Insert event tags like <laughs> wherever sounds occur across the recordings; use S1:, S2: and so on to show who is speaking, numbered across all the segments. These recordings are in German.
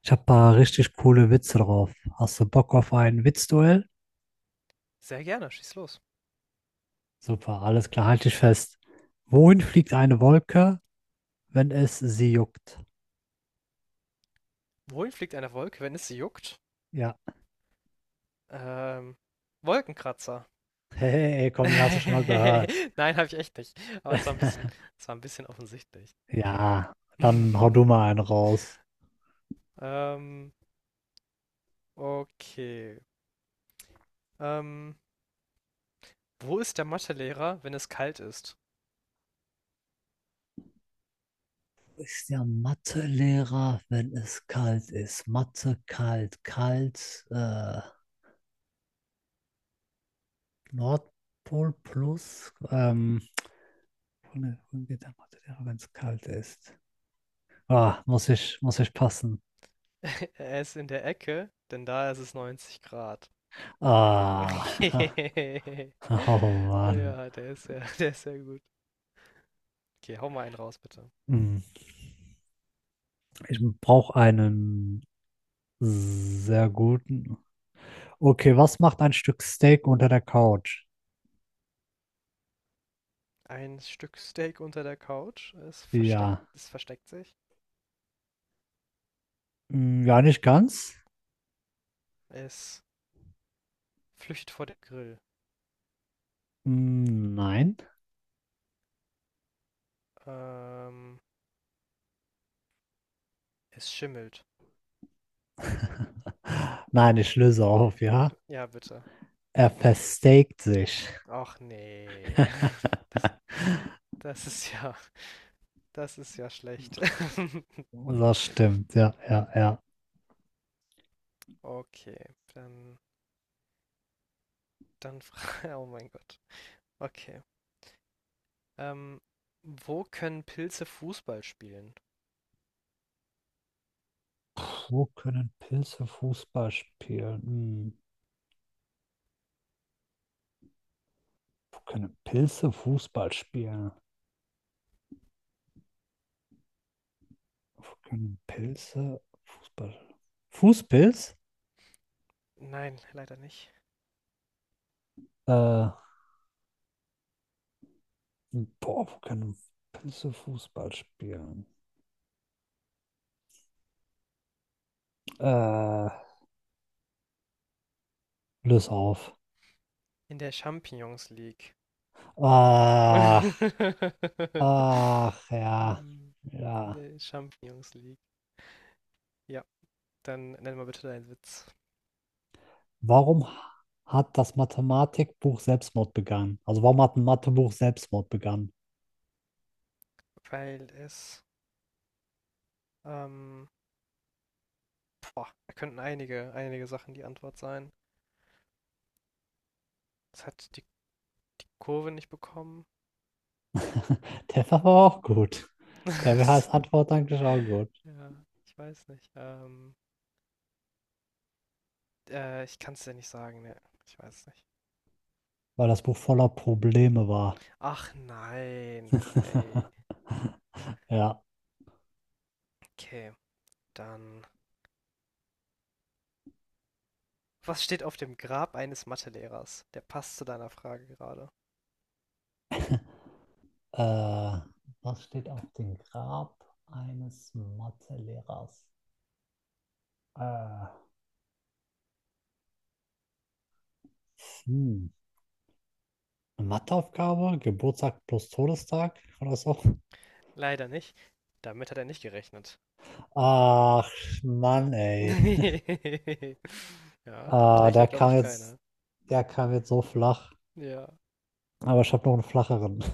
S1: Ich habe paar richtig coole Witze drauf. Hast du Bock auf ein Witzduell?
S2: Sehr gerne, schieß los.
S1: Super, alles klar, halte dich fest. Wohin fliegt eine Wolke, wenn es sie juckt?
S2: Wohin fliegt eine Wolke, wenn es sie juckt?
S1: Ja. <laughs>
S2: Ähm, Wolkenkratzer.
S1: Hey,
S2: <laughs>
S1: komm, den hast du schon mal gehört.
S2: Nein, habe ich echt nicht. Aber das war ein
S1: <laughs>
S2: das war ein bisschen offensichtlich.
S1: Ja, dann hau du
S2: <laughs>
S1: mal einen raus.
S2: Ähm, okay. Ähm, wo ist der Mathelehrer, wenn es kalt ist?
S1: Ist der Mathelehrer, wenn es kalt ist? Mathe kalt, kalt, Nordpol plus, wohin geht der Mathelehrer, wenn es kalt ist? Ah, muss ich passen.
S2: <laughs> Er ist in der Ecke, denn da ist es 90 Grad. <laughs>
S1: Ah, <laughs> oh Mann.
S2: Ja, der ist <laughs> der ist sehr gut. Okay, hau mal einen raus, bitte.
S1: Hm, ich brauche einen sehr guten. Okay, was macht ein Stück Steak unter der Couch?
S2: Ein Stück Steak unter der Couch. Es
S1: Ja,
S2: es versteckt sich.
S1: hm, ja, nicht ganz.
S2: Es flüchtet vor dem Grill.
S1: Hm, nein.
S2: Ähm, es schimmelt.
S1: <laughs> Nein, ich löse auf, ja.
S2: Ja, bitte.
S1: Er versteakt sich.
S2: Ach nee.
S1: <laughs>
S2: <laughs> Das, das ist ja, das ist ja schlecht. <laughs>
S1: Das stimmt, ja, ja, ja.
S2: Okay, fra- <laughs> oh mein Gott. Okay. Ähm, wo können Pilze Fußball spielen?
S1: Wo können Pilze Fußball spielen? Hm, wo können Pilze Fußball spielen? Wo können Pilze, Fußball, Fußpilz?
S2: Nein, leider nicht.
S1: Äh, boah, wo können Pilze Fußball spielen? Äh, löse auf.
S2: In der Champions League.
S1: Ach,
S2: <laughs>
S1: ach, ja,
S2: Hm. In
S1: ja.
S2: der Champions League. Ja, dann nenn mal bitte deinen Witz.
S1: Warum hat das Mathematikbuch Selbstmord begangen? Also warum hat ein Mathebuch Selbstmord begangen?
S2: Weil es, ähm, boah, da könnten einige Sachen die Antwort sein. Es hat die Kurve nicht bekommen.
S1: <laughs> Der war aber auch gut.
S2: <laughs>
S1: Der wäre
S2: Es-
S1: als Antwort eigentlich auch gut,
S2: ja, ich weiß nicht. Ich kann es dir nicht sagen, ne. Ich weiß es nicht.
S1: weil das Buch voller Probleme war.
S2: Ach nein, ey.
S1: <laughs> Ja.
S2: Okay, dann. Was steht auf dem Grab eines Mathelehrers? Der passt zu deiner Frage gerade.
S1: Äh, was steht auf dem Grab eines Mathelehrers? Äh, hm. Eine Matheaufgabe, Geburtstag plus Todestag oder so.
S2: Leider nicht. Damit hat er nicht gerechnet.
S1: Ach, Mann, ey. <laughs>
S2: <laughs> Ja, damit
S1: Äh, der
S2: rechnet, glaube
S1: kam
S2: ich,
S1: jetzt,
S2: keiner.
S1: der kam jetzt so flach.
S2: Ja,
S1: Aber ich habe noch einen flacheren.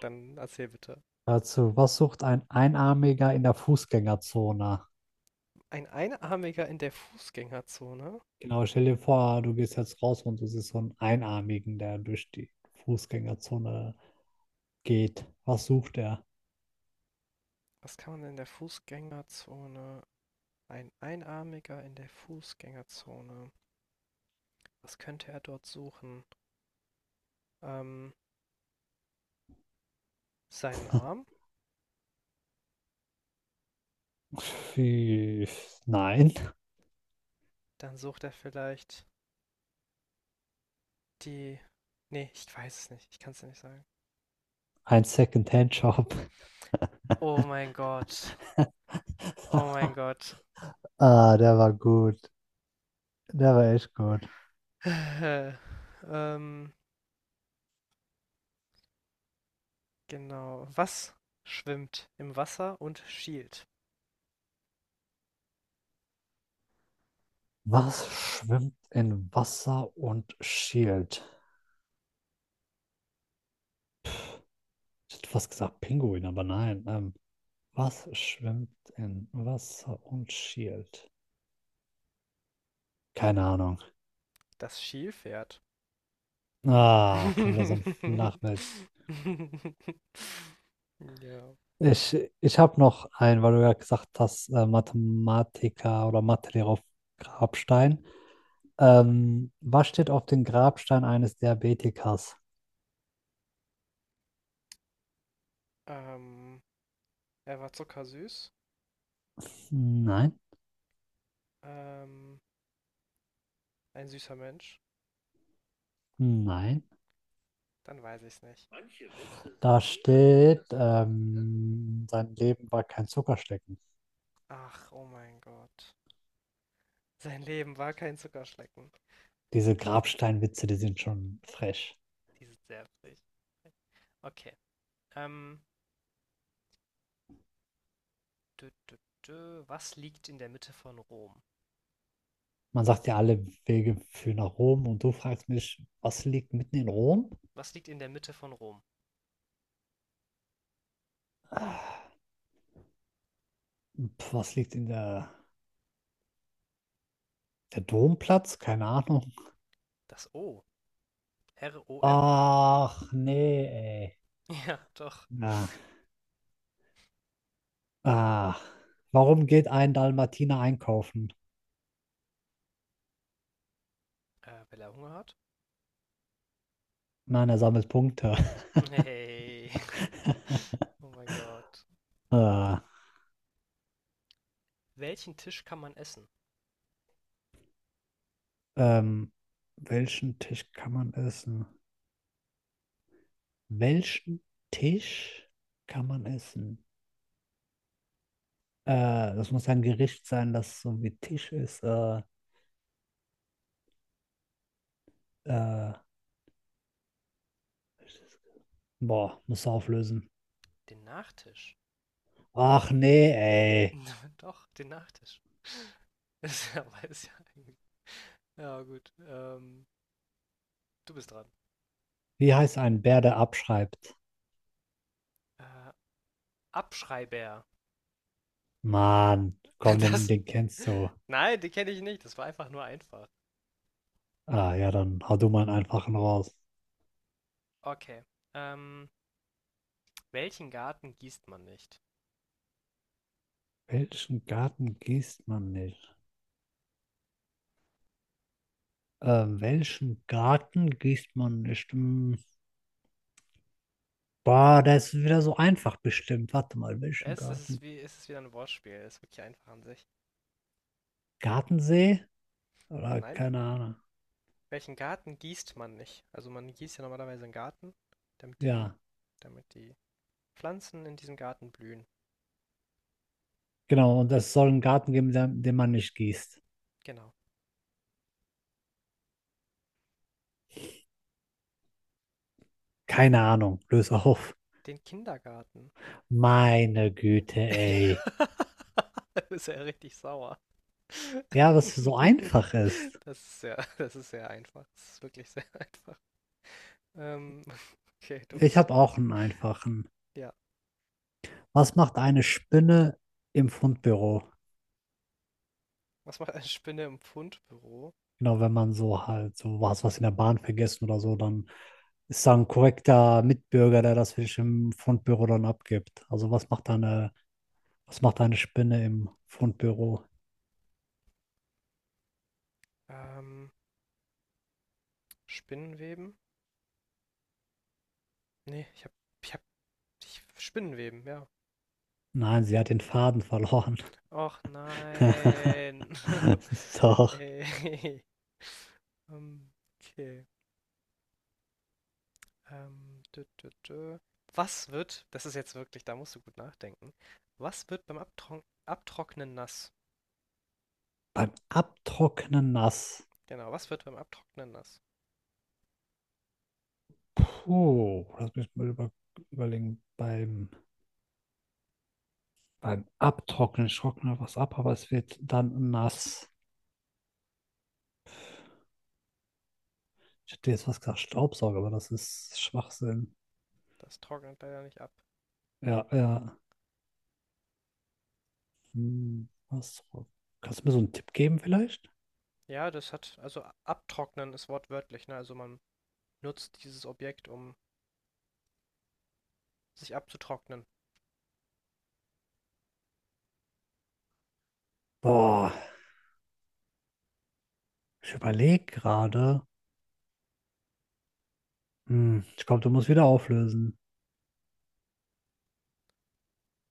S2: dann erzähl bitte.
S1: Dazu, was sucht ein Einarmiger in der Fußgängerzone?
S2: Ein Einarmiger in der Fußgängerzone.
S1: Genau, stell dir vor, du gehst jetzt raus und du siehst so einen Einarmigen, der durch die Fußgängerzone geht. Was sucht er?
S2: Was kann man denn in der Fußgängerzone? Ein Einarmiger in der Fußgängerzone. Was könnte er dort suchen? Ähm, seinen Arm?
S1: Nein,
S2: Dann sucht er vielleicht die. Nee, ich weiß es nicht. Ich kann es dir nicht sagen.
S1: ein Second-Hand-Shop.
S2: Oh mein Gott. Oh mein Gott.
S1: Ah, der war gut. Der war echt gut.
S2: <laughs> ähm, genau. Was schwimmt im Wasser und schielt?
S1: Was schwimmt in Wasser und schielt? Ich hätte fast gesagt Pinguin, aber nein. Was schwimmt in Wasser und schielt? Keine Ahnung.
S2: Das Schielpferd.
S1: Ach, schon wieder so ein Flachwitz.
S2: <laughs> Ja,
S1: Ich habe noch einen, weil du ja gesagt hast, Mathematiker oder Mathelehrer auf Grabstein. Was steht auf dem Grabstein eines Diabetikers?
S2: ähm, er war zuckersüß,
S1: Nein,
S2: ähm, ein süßer Mensch,
S1: nein.
S2: dann weiß ich's nicht.
S1: Da steht, sein Leben war kein Zuckerschlecken.
S2: Ach, oh mein Gott. Sein Leben war kein Zuckerschlecken.
S1: Diese Grabsteinwitze, die sind schon frech.
S2: Die sind sehr frech. Okay, ähm, dö, dö, dö. Was liegt in der Mitte von Rom?
S1: Man sagt ja, alle Wege führen nach Rom und du fragst mich, was liegt mitten in Rom?
S2: Was liegt in der Mitte von Rom?
S1: Ah, pf, was liegt in der, der Domplatz? Keine Ahnung.
S2: Das O. R-O-M.
S1: Ach, nee, ey.
S2: <laughs> Ja, doch.
S1: Na, ah. Warum geht ein Dalmatiner einkaufen?
S2: Weil er Hunger hat?
S1: Nein, er sammelt Punkte.
S2: Hey. <laughs> Oh mein Gott.
S1: <laughs> Ah.
S2: Welchen Tisch kann man essen?
S1: Ähm, welchen Tisch kann man essen? Welchen Tisch kann man essen? Das muss ja ein Gericht sein, das so wie Tisch ist. Äh, boah, muss auflösen.
S2: Den Nachtisch.
S1: Ach nee, ey.
S2: <laughs> Doch, den Nachtisch. <laughs> Das ist ja, aber ist ja eigentlich. Ja, gut. Du bist dran.
S1: Wie heißt ein Bär, der abschreibt?
S2: Äh, Abschreiber.
S1: Mann,
S2: <laughs>
S1: komm, den,
S2: Das.
S1: den kennst du.
S2: Nein, die kenne ich nicht. Das war einfach nur einfach.
S1: Ah ja, dann hau du mal einen einfachen raus.
S2: Okay. Ähm, welchen Garten gießt man nicht?
S1: Welchen Garten gießt man nicht? Welchen Garten gießt man nicht? Hm. Boah, das ist wieder so einfach bestimmt. Warte mal, welchen
S2: Es ist
S1: Garten?
S2: es ist wieder ein Wortspiel. Es ist wirklich einfach an sich.
S1: Gartensee? Oder
S2: Nein.
S1: keine Ahnung.
S2: Welchen Garten gießt man nicht? Also man gießt ja normalerweise einen Garten, damit
S1: Ja,
S2: damit die Pflanzen in diesem Garten blühen.
S1: genau. Und es soll einen Garten geben, den man nicht gießt.
S2: Genau.
S1: Keine Ahnung. Löse auf.
S2: Den Kindergarten.
S1: Meine Güte, ey.
S2: <laughs> Da ist er richtig sauer.
S1: Ja, was so
S2: <laughs>
S1: einfach ist.
S2: Das ist sehr einfach. Das ist wirklich sehr einfach. Ähm, <laughs> okay, du
S1: Ich
S2: bist
S1: habe
S2: dran.
S1: auch einen einfachen.
S2: Ja.
S1: Was macht eine Spinne im Fundbüro?
S2: Was macht eine Spinne im Fundbüro?
S1: Genau, wenn man so halt so was, was in der Bahn vergessen oder so, dann ist da ein korrekter Mitbürger, der das für im Fundbüro dann abgibt. Was macht eine Spinne im Fundbüro?
S2: Ähm, Spinnenweben? Ne, ich habe ich Spinnenweben, ja.
S1: Nein, sie hat den Faden verloren.
S2: Och
S1: <laughs>
S2: nein. <laughs>
S1: Doch.
S2: Ey. Ähm, okay. Dö, dö, dö. Was wird, das ist jetzt wirklich, da musst du gut nachdenken. Was wird beim Abtrock Abtrocknen nass?
S1: Beim Abtrocknen nass.
S2: Genau, was wird beim Abtrocknen nass?
S1: Puh, das mich mal über, überlegen. Beim Abtrocknen, ich trockne was ab, aber es wird dann nass. Ich hätte jetzt was gesagt, Staubsauger, aber das ist Schwachsinn.
S2: Das trocknet leider nicht ab.
S1: Ja, ja. Hm, was? Kannst du mir so einen Tipp geben vielleicht?
S2: Ja, das hat, also abtrocknen ist wortwörtlich, ne? Also man nutzt dieses Objekt, um sich abzutrocknen.
S1: Boah, ich überlege gerade. Hm, ich glaube, du musst wieder auflösen.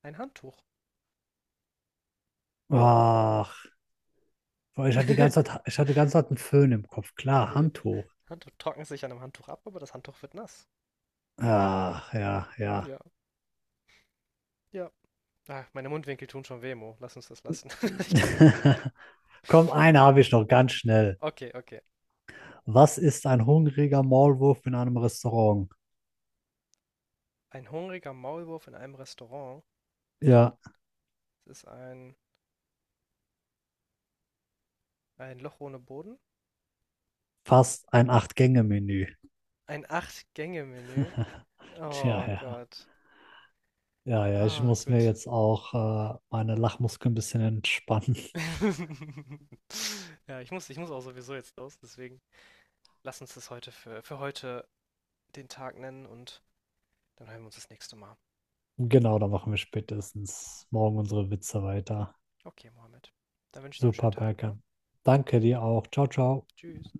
S2: Ein Handtuch.
S1: Ach, boah,
S2: <laughs>
S1: ich hatte die ganze Zeit einen Föhn im Kopf. Klar,
S2: Nee,
S1: Handtuch.
S2: Handtuch trocknet sich an einem Handtuch ab, aber das Handtuch wird nass.
S1: Ach, ja, ja.
S2: Ja, ja. Ah, meine Mundwinkel tun schon weh, Mo. Lass uns das lassen. <laughs> Ich kann das nicht mehr.
S1: <laughs> Komm, eine habe ich noch ganz schnell.
S2: Okay, okay.
S1: Was ist ein hungriger Maulwurf in einem Restaurant?
S2: Ein hungriger Maulwurf in einem Restaurant.
S1: Ja,
S2: Das ist ein Loch ohne Boden.
S1: fast ein Acht-Gänge-Menü.
S2: Ein Acht-Gänge-Menü.
S1: Tja,
S2: Oh
S1: ja.
S2: Gott.
S1: Ja, ja, ich
S2: Ah, oh,
S1: muss mir
S2: gut.
S1: jetzt auch meine Lachmuskeln ein bisschen entspannen. <laughs>
S2: <laughs> Ja, ich muss auch sowieso jetzt los, deswegen lass uns das heute für heute den Tag nennen und dann hören wir uns das nächste Mal.
S1: Genau, da machen wir spätestens morgen unsere Witze weiter.
S2: Okay, Mohammed. Dann wünsche ich noch einen
S1: Super,
S2: schönen Tag, ne?
S1: Berkan. Danke dir auch. Ciao, ciao.
S2: Tschüss.